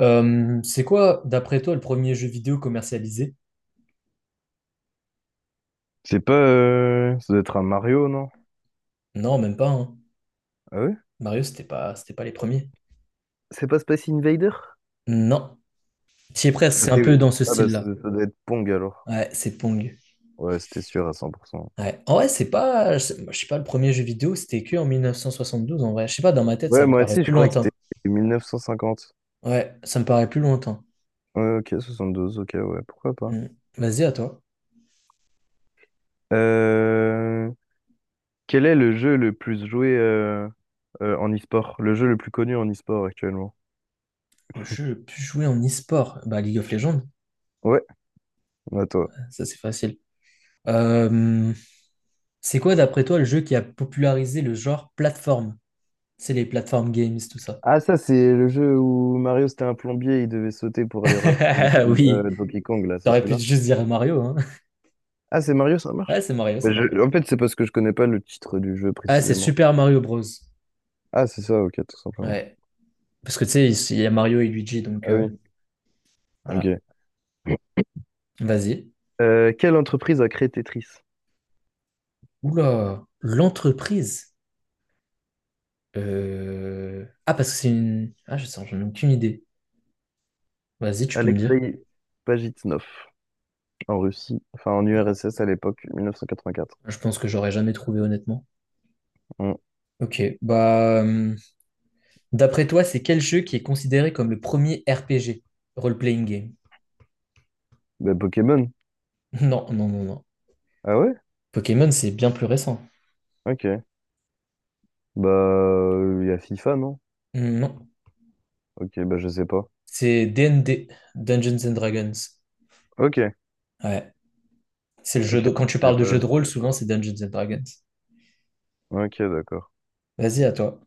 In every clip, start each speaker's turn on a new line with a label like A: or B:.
A: C'est quoi, d'après toi, le premier jeu vidéo commercialisé?
B: C'est pas. Ça doit être un Mario, non?
A: Non, même pas, hein.
B: Ah ouais?
A: Mario, c'était pas les premiers.
B: C'est pas Space Invader?
A: Non. T'y es presque, c'est un peu dans ce
B: Ah bah ça,
A: style-là.
B: ça doit être Pong alors.
A: Ouais, c'est Pong.
B: Ouais, c'était sûr à 100%.
A: Ouais. En vrai, c'est pas, je sais moi, je sais pas, le premier jeu vidéo, c'était que en 1972, en vrai. Je sais pas, dans ma tête,
B: Ouais,
A: ça me
B: moi
A: paraît
B: aussi, je
A: plus
B: croyais que c'était
A: lointain.
B: 1950.
A: Ouais, ça me paraît plus lointain.
B: Ouais, ok, 72, ok, ouais, pourquoi pas.
A: Mm. Vas-y, à toi.
B: Euh, Quel est le jeu le plus joué en e-sport? Le jeu le plus connu en e-sport actuellement?
A: Le jeu le plus joué en e-sport, bah League of Legends,
B: Ouais, à toi.
A: ça c'est facile. Euh, c'est quoi, d'après toi, le jeu qui a popularisé le genre plateforme? C'est les plateformes games, tout ça.
B: Ah, ça, c'est le jeu où Mario, c'était un plombier, il devait sauter pour aller rattraper
A: Oui,
B: Donkey Kong, là, c'est
A: t'aurais pu
B: celui-là?
A: juste dire Mario, hein.
B: Ah, c'est Mario, ça
A: Ouais,
B: marche?
A: c'est Mario, c'est
B: Mais
A: Mario.
B: en fait, c'est parce que je connais pas le titre du jeu
A: Ah, c'est
B: précisément.
A: Super Mario Bros.
B: Ah, c'est ça, ok, tout simplement.
A: Ouais. Parce que tu sais, il y a Mario et Luigi, donc
B: Ah oui.
A: voilà.
B: Ok.
A: Vas-y.
B: Quelle entreprise a créé Tetris?
A: Oula, l'entreprise. Ah, parce que c'est une. Ah, je sens, j'en ai aucune idée. Vas-y, tu peux me dire.
B: Alexei Pajitnov, en Russie, enfin en URSS à l'époque, 1984.
A: Je pense que j'aurais jamais trouvé, honnêtement.
B: Hmm.
A: Ok, D'après toi, c'est quel jeu qui est considéré comme le premier RPG? Role-playing game.
B: Bah, Pokémon?
A: Non, non, non, non.
B: Ah ouais?
A: Pokémon, c'est bien plus récent.
B: Ok. Bah, il y a FIFA, non?
A: Non.
B: Ok, bah je sais pas.
A: C'est D&D, Dungeons and Dragons.
B: Ok,
A: Ouais. C'est le jeu
B: ok.
A: de... Quand tu
B: Je sais
A: parles de
B: pas,
A: jeu de
B: je
A: rôle,
B: sais
A: souvent
B: pas.
A: c'est Dungeons and Dragons.
B: Ok, d'accord.
A: Vas-y, à toi.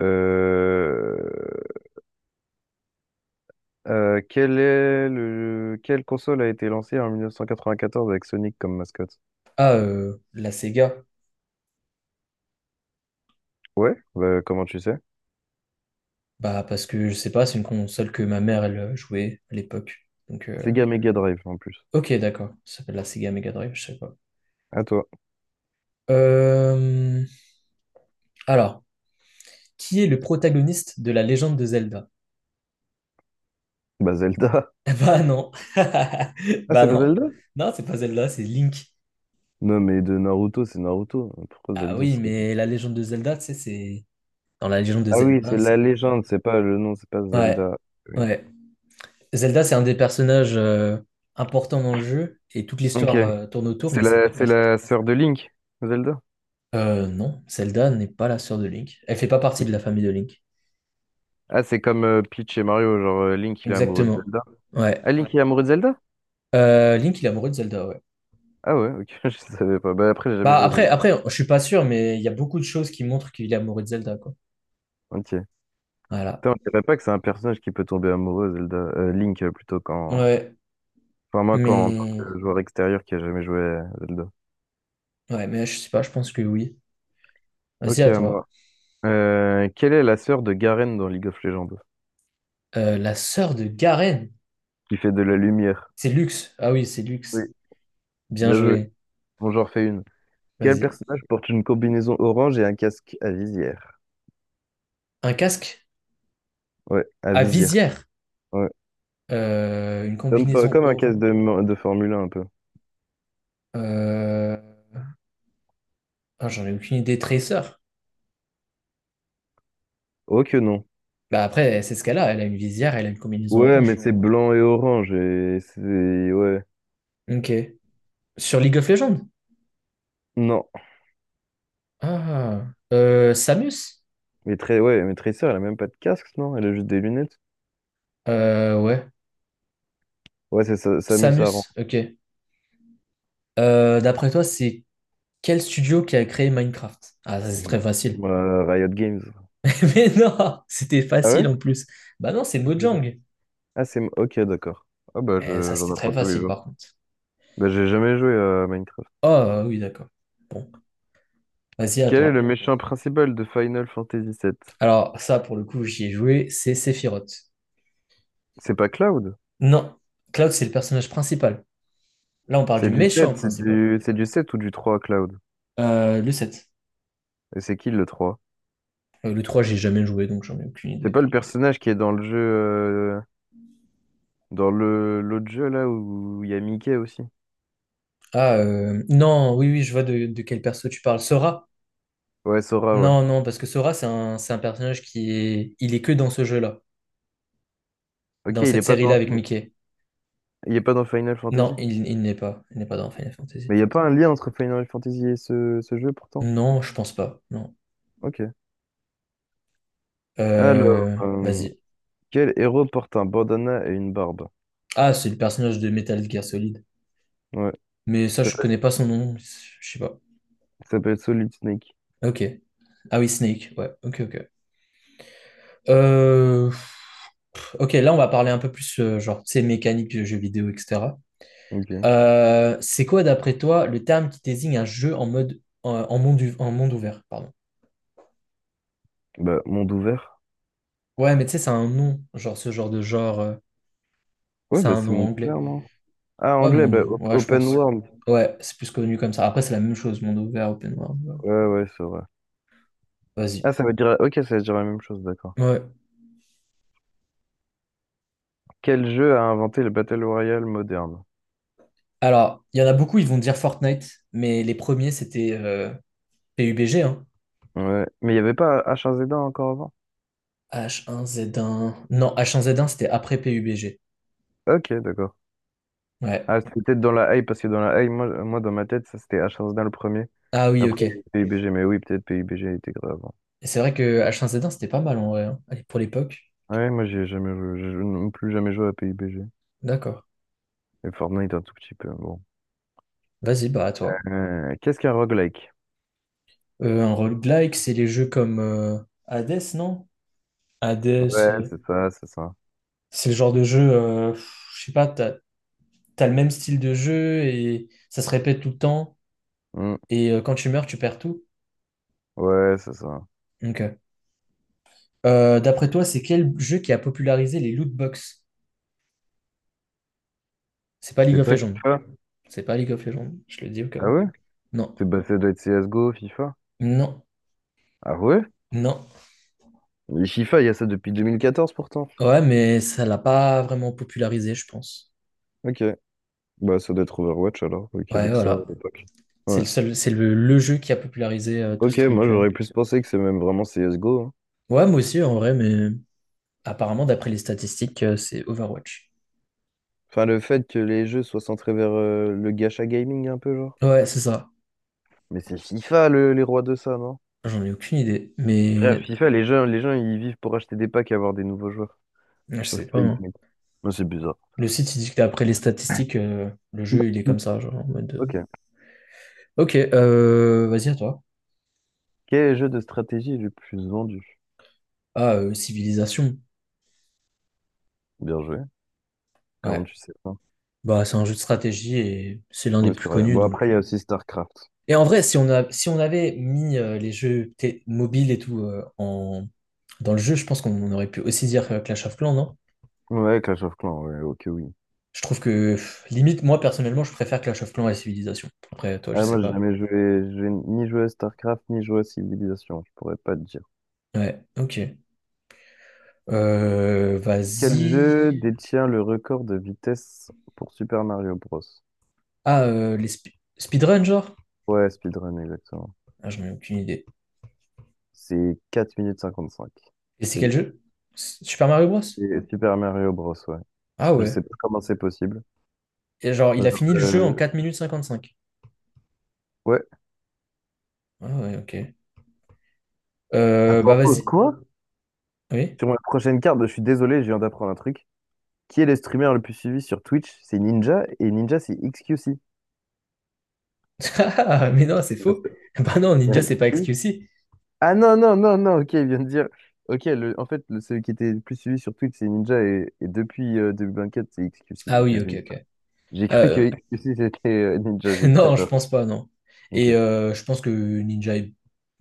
B: Euh... Quelle console a été lancée en 1994 avec Sonic comme mascotte?
A: Ah, la Sega.
B: Ouais, bah, comment tu sais?
A: Bah, parce que je sais pas, c'est une console que ma mère, elle jouait à l'époque. Donc,
B: Sega Mega Drive en plus.
A: ok, d'accord. Ça s'appelle la Sega Mega Drive, je sais pas.
B: À toi.
A: Euh, Alors, qui est le protagoniste de la légende de Zelda?
B: Bah Zelda.
A: Bah non.
B: Ah,
A: Bah
B: c'est pas
A: non.
B: Zelda?
A: Non, c'est pas Zelda, c'est Link.
B: Non, mais de Naruto, c'est Naruto. Pourquoi
A: Ah
B: Zelda ce
A: oui,
B: serait... pas-
A: mais la légende de Zelda, tu sais, c'est. Dans la légende de
B: Ah oui, c'est
A: Zelda,
B: la
A: c'est.
B: légende, c'est pas le nom, c'est pas
A: Ouais,
B: Zelda. Oui.
A: ouais. Zelda, c'est un des personnages importants dans le jeu et toute
B: Ok.
A: l'histoire tourne autour,
B: C'est
A: mais c'est pas
B: la,
A: le
B: c'est
A: personnage.
B: la sœur de Link, Zelda?
A: Non, Zelda n'est pas la sœur de Link. Elle fait pas partie de
B: Ok.
A: la famille de Link.
B: Ah, c'est comme Peach et Mario, genre Link il est amoureux de
A: Exactement.
B: Zelda.
A: Ouais.
B: Ah, Link il est amoureux de Zelda?
A: Link, il est amoureux de Zelda, ouais.
B: Ah ouais, ok, je savais pas. Bah après, j'ai jamais
A: Bah
B: joué à
A: après,
B: Zelda.
A: après, je suis pas sûr, mais il y a beaucoup de choses qui montrent qu'il est amoureux de Zelda, quoi.
B: Ok.
A: Voilà.
B: Putain, on dirait pas que c'est un personnage qui peut tomber amoureux, Zelda. Link, plutôt, quand...
A: Ouais.
B: Enfin, moi, quand, en tant
A: Mais
B: que joueur extérieur qui a jamais joué à Zelda.
A: ouais, mais je sais pas, je pense que oui. Vas-y
B: Ok,
A: à
B: à
A: toi.
B: moi. Quelle est la sœur de Garen dans League of Legends?
A: La sœur de Garen.
B: Qui fait de la lumière.
A: C'est Lux. Ah oui, c'est
B: Oui,
A: Lux. Bien
B: bien joué.
A: joué.
B: Bon, j'en refais une. Quel
A: Vas-y.
B: personnage porte une combinaison orange et un casque à visière?
A: Un casque
B: Ouais, à
A: à
B: visière.
A: visière,
B: Ouais.
A: une
B: Comme, fo-
A: combinaison
B: comme un casque
A: or.
B: de Formule 1, un peu.
A: Euh, ah, j'en ai aucune idée. Tracer.
B: Oh que non.
A: Bah après, c'est ce qu'elle a. Elle a une visière, elle a une combinaison
B: Ouais, mais
A: orange.
B: c'est blanc et orange et c'est... Ouais.
A: Ok. Sur League of Legends.
B: Non.
A: Ah. Samus.
B: Mais très... Ouais, mais Tracer, elle a même pas de casque, non? Elle a juste des lunettes.
A: Euh, ouais.
B: Ouais, c'est ça, Samus Aran.
A: Samus. Ok. D'après toi, c'est quel studio qui a créé Minecraft? Ah, ça c'est très facile.
B: Riot Games.
A: Mais non, c'était
B: Ah
A: facile
B: ouais?
A: en plus. Bah non, c'est
B: Je sais pas.
A: Mojang.
B: Ah, c'est... Ok, d'accord. Ah bah,
A: Eh, ça
B: j'en
A: c'était
B: apprends
A: très
B: tous les
A: facile
B: jours.
A: par contre.
B: Bah, j'ai jamais joué à Minecraft.
A: Ah oui, d'accord. Bon, vas-y à
B: Quel est le
A: toi.
B: méchant principal de Final Fantasy VII?
A: Alors, ça, pour le coup, j'y ai joué, c'est Sephiroth.
B: C'est pas Cloud?
A: Non, Cloud, c'est le personnage principal. Là, on parle
B: C'est
A: du
B: du
A: méchant
B: sept,
A: principal.
B: c'est du sept ou du trois, Cloud?
A: Le 7.
B: Et c'est qui le trois?
A: Le 3, j'ai jamais joué, donc j'en ai aucune
B: C'est
A: idée.
B: pas le personnage qui est dans le jeu... dans le l'autre jeu, là, où il y a Mickey aussi?
A: Non, oui, oui, je vois de quel perso tu parles. Sora?
B: Ouais, Sora, ouais.
A: Non, non, parce que Sora, c'est c'est un personnage qui est... Il est que dans ce jeu-là,
B: Ok,
A: dans
B: il est
A: cette
B: pas
A: série-là
B: dans...
A: avec
B: Fin-
A: Mickey.
B: Il est pas dans Final Fantasy?
A: Non, il n'est pas. Il n'est pas dans Final Fantasy.
B: Mais il y a pas un lien entre Final Fantasy et ce jeu, pourtant?
A: Non, je pense pas, non.
B: Ok. Alors,
A: Vas-y.
B: quel héros porte un bandana et une barbe?
A: Ah, c'est le personnage de Metal Gear Solid.
B: Ouais,
A: Mais ça,
B: ça
A: je
B: s'appelle
A: connais pas son nom, je sais pas.
B: ça s'appelle Solid Snake.
A: Ok. Ah oui, Snake, ouais, ok, ok. Euh, ok, là, on va parler un peu plus, genre, tu sais, mécanique de jeux vidéo, etc.
B: Ok.
A: C'est quoi, d'après toi, le terme qui désigne un jeu en mode, en, en monde, u- en monde ouvert, pardon.
B: Bah, monde ouvert.
A: Ouais, mais tu sais, c'est un nom, genre, ce genre de genre,
B: Ouais,
A: c'est
B: bah
A: un
B: c'est
A: nom
B: monde
A: anglais.
B: ouvert, non? Ah,
A: Ouais,
B: anglais,
A: monde
B: bah
A: ouvert, ouais, je
B: open
A: pense.
B: world.
A: Ouais, c'est plus connu comme ça. Après, c'est la même chose, monde ouvert, open world. Ouais.
B: Ouais, ouais, c'est vrai.
A: Vas-y.
B: Ah, ça veut dire... Ok, ça veut dire la même chose, d'accord.
A: Ouais.
B: Quel jeu a inventé le Battle Royale moderne?
A: Alors, il y en a beaucoup, ils vont dire Fortnite, mais les premiers, c'était PUBG,
B: Ouais, mais il n'y avait pas H1Z1 encore avant?
A: H1Z1 Non, H1Z1 c'était après PUBG.
B: Ok, d'accord.
A: Ouais.
B: Ah, c'était peut-être dans la hype, parce que dans la hype, moi, moi dans ma tête, ça c'était H1Z1 le premier.
A: Ah oui, ok.
B: Après, il
A: Et
B: y a eu PUBG, mais oui, peut-être PUBG était grave avant.
A: c'est vrai que H1Z1 c'était pas mal en vrai, hein. Allez, pour l'époque.
B: Ouais, moi j'ai jamais joué, je n'ai plus jamais joué à PUBG.
A: D'accord.
B: Et Fortnite un tout petit peu, bon.
A: Vas-y, bah à toi.
B: Qu'est-ce qu'un roguelike?
A: Un roguelike, c'est les jeux comme Hades, non? Hades,
B: Ouais,
A: euh,
B: c'est ça, c'est ça.
A: c'est le genre de jeu, je sais pas, t'as le même style de jeu et ça se répète tout le temps.
B: Hmm.
A: Et quand tu meurs, tu perds tout.
B: Ouais, c'est ça.
A: Ok. D'après toi, c'est quel jeu qui a popularisé les loot box? C'est pas League
B: C'est
A: of
B: pas
A: Legends.
B: FIFA?
A: C'est pas League of Legends, je le dis au cas
B: Ah
A: où.
B: ouais?
A: Non.
B: C'est bah, ça doit être CSGO, FIFA.
A: Non,
B: Ah ouais?
A: non.
B: Mais FIFA, il y a ça depuis 2014 pourtant.
A: Ouais, mais ça l'a pas vraiment popularisé, je pense.
B: Ok. Bah ça doit être Overwatch alors, ok,
A: Ouais,
B: avec ça à
A: voilà.
B: l'époque.
A: C'est
B: Ouais.
A: le seul, c'est le, le jeu qui a popularisé tout ce
B: Ok, moi
A: truc. Euh,
B: j'aurais plus pensé que c'est même vraiment CSGO, hein.
A: ouais, moi aussi, en vrai, mais apparemment, d'après les statistiques, c'est Overwatch.
B: Enfin, le fait que les jeux soient centrés vers le gacha gaming un peu, genre.
A: Ouais, c'est ça.
B: Mais c'est FIFA les rois de ça, non?
A: J'en ai aucune idée,
B: Frère,
A: mais
B: FIFA, les gens, ils vivent pour acheter des packs et avoir des nouveaux joueurs.
A: je
B: Sur
A: sais pas,
B: FIFA.
A: hein.
B: Ouais, c'est bizarre.
A: Le site, il dit que d'après les statistiques, le jeu, il est
B: Mm.
A: comme ça, genre en mode. Euh,
B: Ok.
A: ok, vas-y à toi.
B: Quel est le jeu de stratégie est le plus vendu?
A: Ah, Civilisation.
B: Bien joué. Comment
A: Ouais.
B: tu sais ça?
A: Bah, c'est un jeu de stratégie et c'est l'un des
B: Ouais,
A: plus
B: c'est vrai.
A: connus,
B: Bon,
A: donc.
B: après, il y
A: Euh,
B: a aussi StarCraft.
A: et en vrai, si on avait mis les jeux mobiles et tout dans le jeu, je pense qu'on aurait pu aussi dire Clash of Clans, non?
B: Ouais, Clash of Clans, ouais, ok, oui.
A: Je trouve que, pff, limite, moi, personnellement, je préfère Clash of Clans à Civilization. Après, toi, je
B: Ah,
A: sais
B: moi, j'ai
A: pas.
B: jamais joué, j'ai ni joué à StarCraft, ni joué à Civilization, je pourrais pas te dire.
A: Ouais, ok.
B: Quel
A: Vas-y.
B: jeu détient le record de vitesse pour Super Mario Bros?
A: Ah, speedrun, genre?
B: Ouais, speedrun, exactement.
A: Ah, j'en ai aucune idée.
B: C'est 4 minutes 55.
A: Et c'est quel
B: C'est
A: jeu? Super Mario Bros?
B: c'est Super Mario Bros, ouais.
A: Ah
B: Je
A: ouais.
B: sais pas comment c'est possible.
A: Et genre, il a fini le jeu en
B: Euh,
A: 4 minutes 55.
B: ouais.
A: Ah ouais, ok. Bah
B: Attends, pause,
A: vas-y.
B: quoi?
A: Oui?
B: Sur ma prochaine carte, je suis désolé, je viens d'apprendre un truc. Qui est le streamer le plus suivi sur Twitch? C'est Ninja, et Ninja, c'est XQC.
A: Ah, mais non, c'est faux. Bah non, Ninja,
B: Ouais.
A: c'est pas
B: Si.
A: XQC.
B: Ah non, non, non, non, ok, il vient de dire. Ok, le, en fait, le, celui qui était le plus suivi sur Twitch, c'est Ninja, et depuis 2024, c'est XQC.
A: Ah
B: Ok,
A: oui, ok,
B: j'ai
A: ok.
B: j'ai cru que
A: Euh,
B: XQC, c'était Ninja, j'ai eu très
A: non, je
B: peur.
A: pense pas, non.
B: Ok.
A: Et je pense que Ninja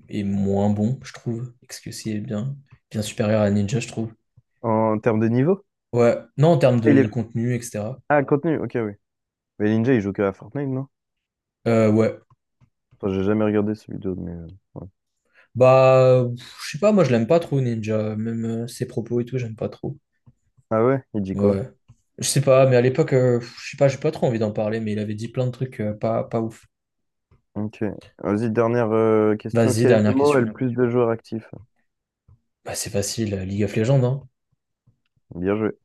A: est moins bon, je trouve. XQC est bien supérieur à Ninja, je trouve.
B: En termes de niveau?
A: Ouais, non, en termes
B: Ah,
A: de contenu, etc.
B: ah, contenu, ok, oui. Mais Ninja, il joue que à Fortnite, non?
A: Ouais.
B: Enfin, j'ai jamais regardé ce vidéo, mais... ouais.
A: Bah, pff, je sais pas, moi, je l'aime pas trop, Ninja. Même ses propos et tout, j'aime pas trop.
B: Ah ouais? Il dit quoi?
A: Ouais. Je sais pas, mais à l'époque, je sais pas, j'ai pas trop envie d'en parler, mais il avait dit plein de trucs euh, pas ouf.
B: Ok. Vas-y, dernière question.
A: Vas-y,
B: Quel
A: dernière
B: MMO a
A: question.
B: le plus de joueurs actifs?
A: Bah, c'est facile, League of Legends, hein.
B: Bien joué.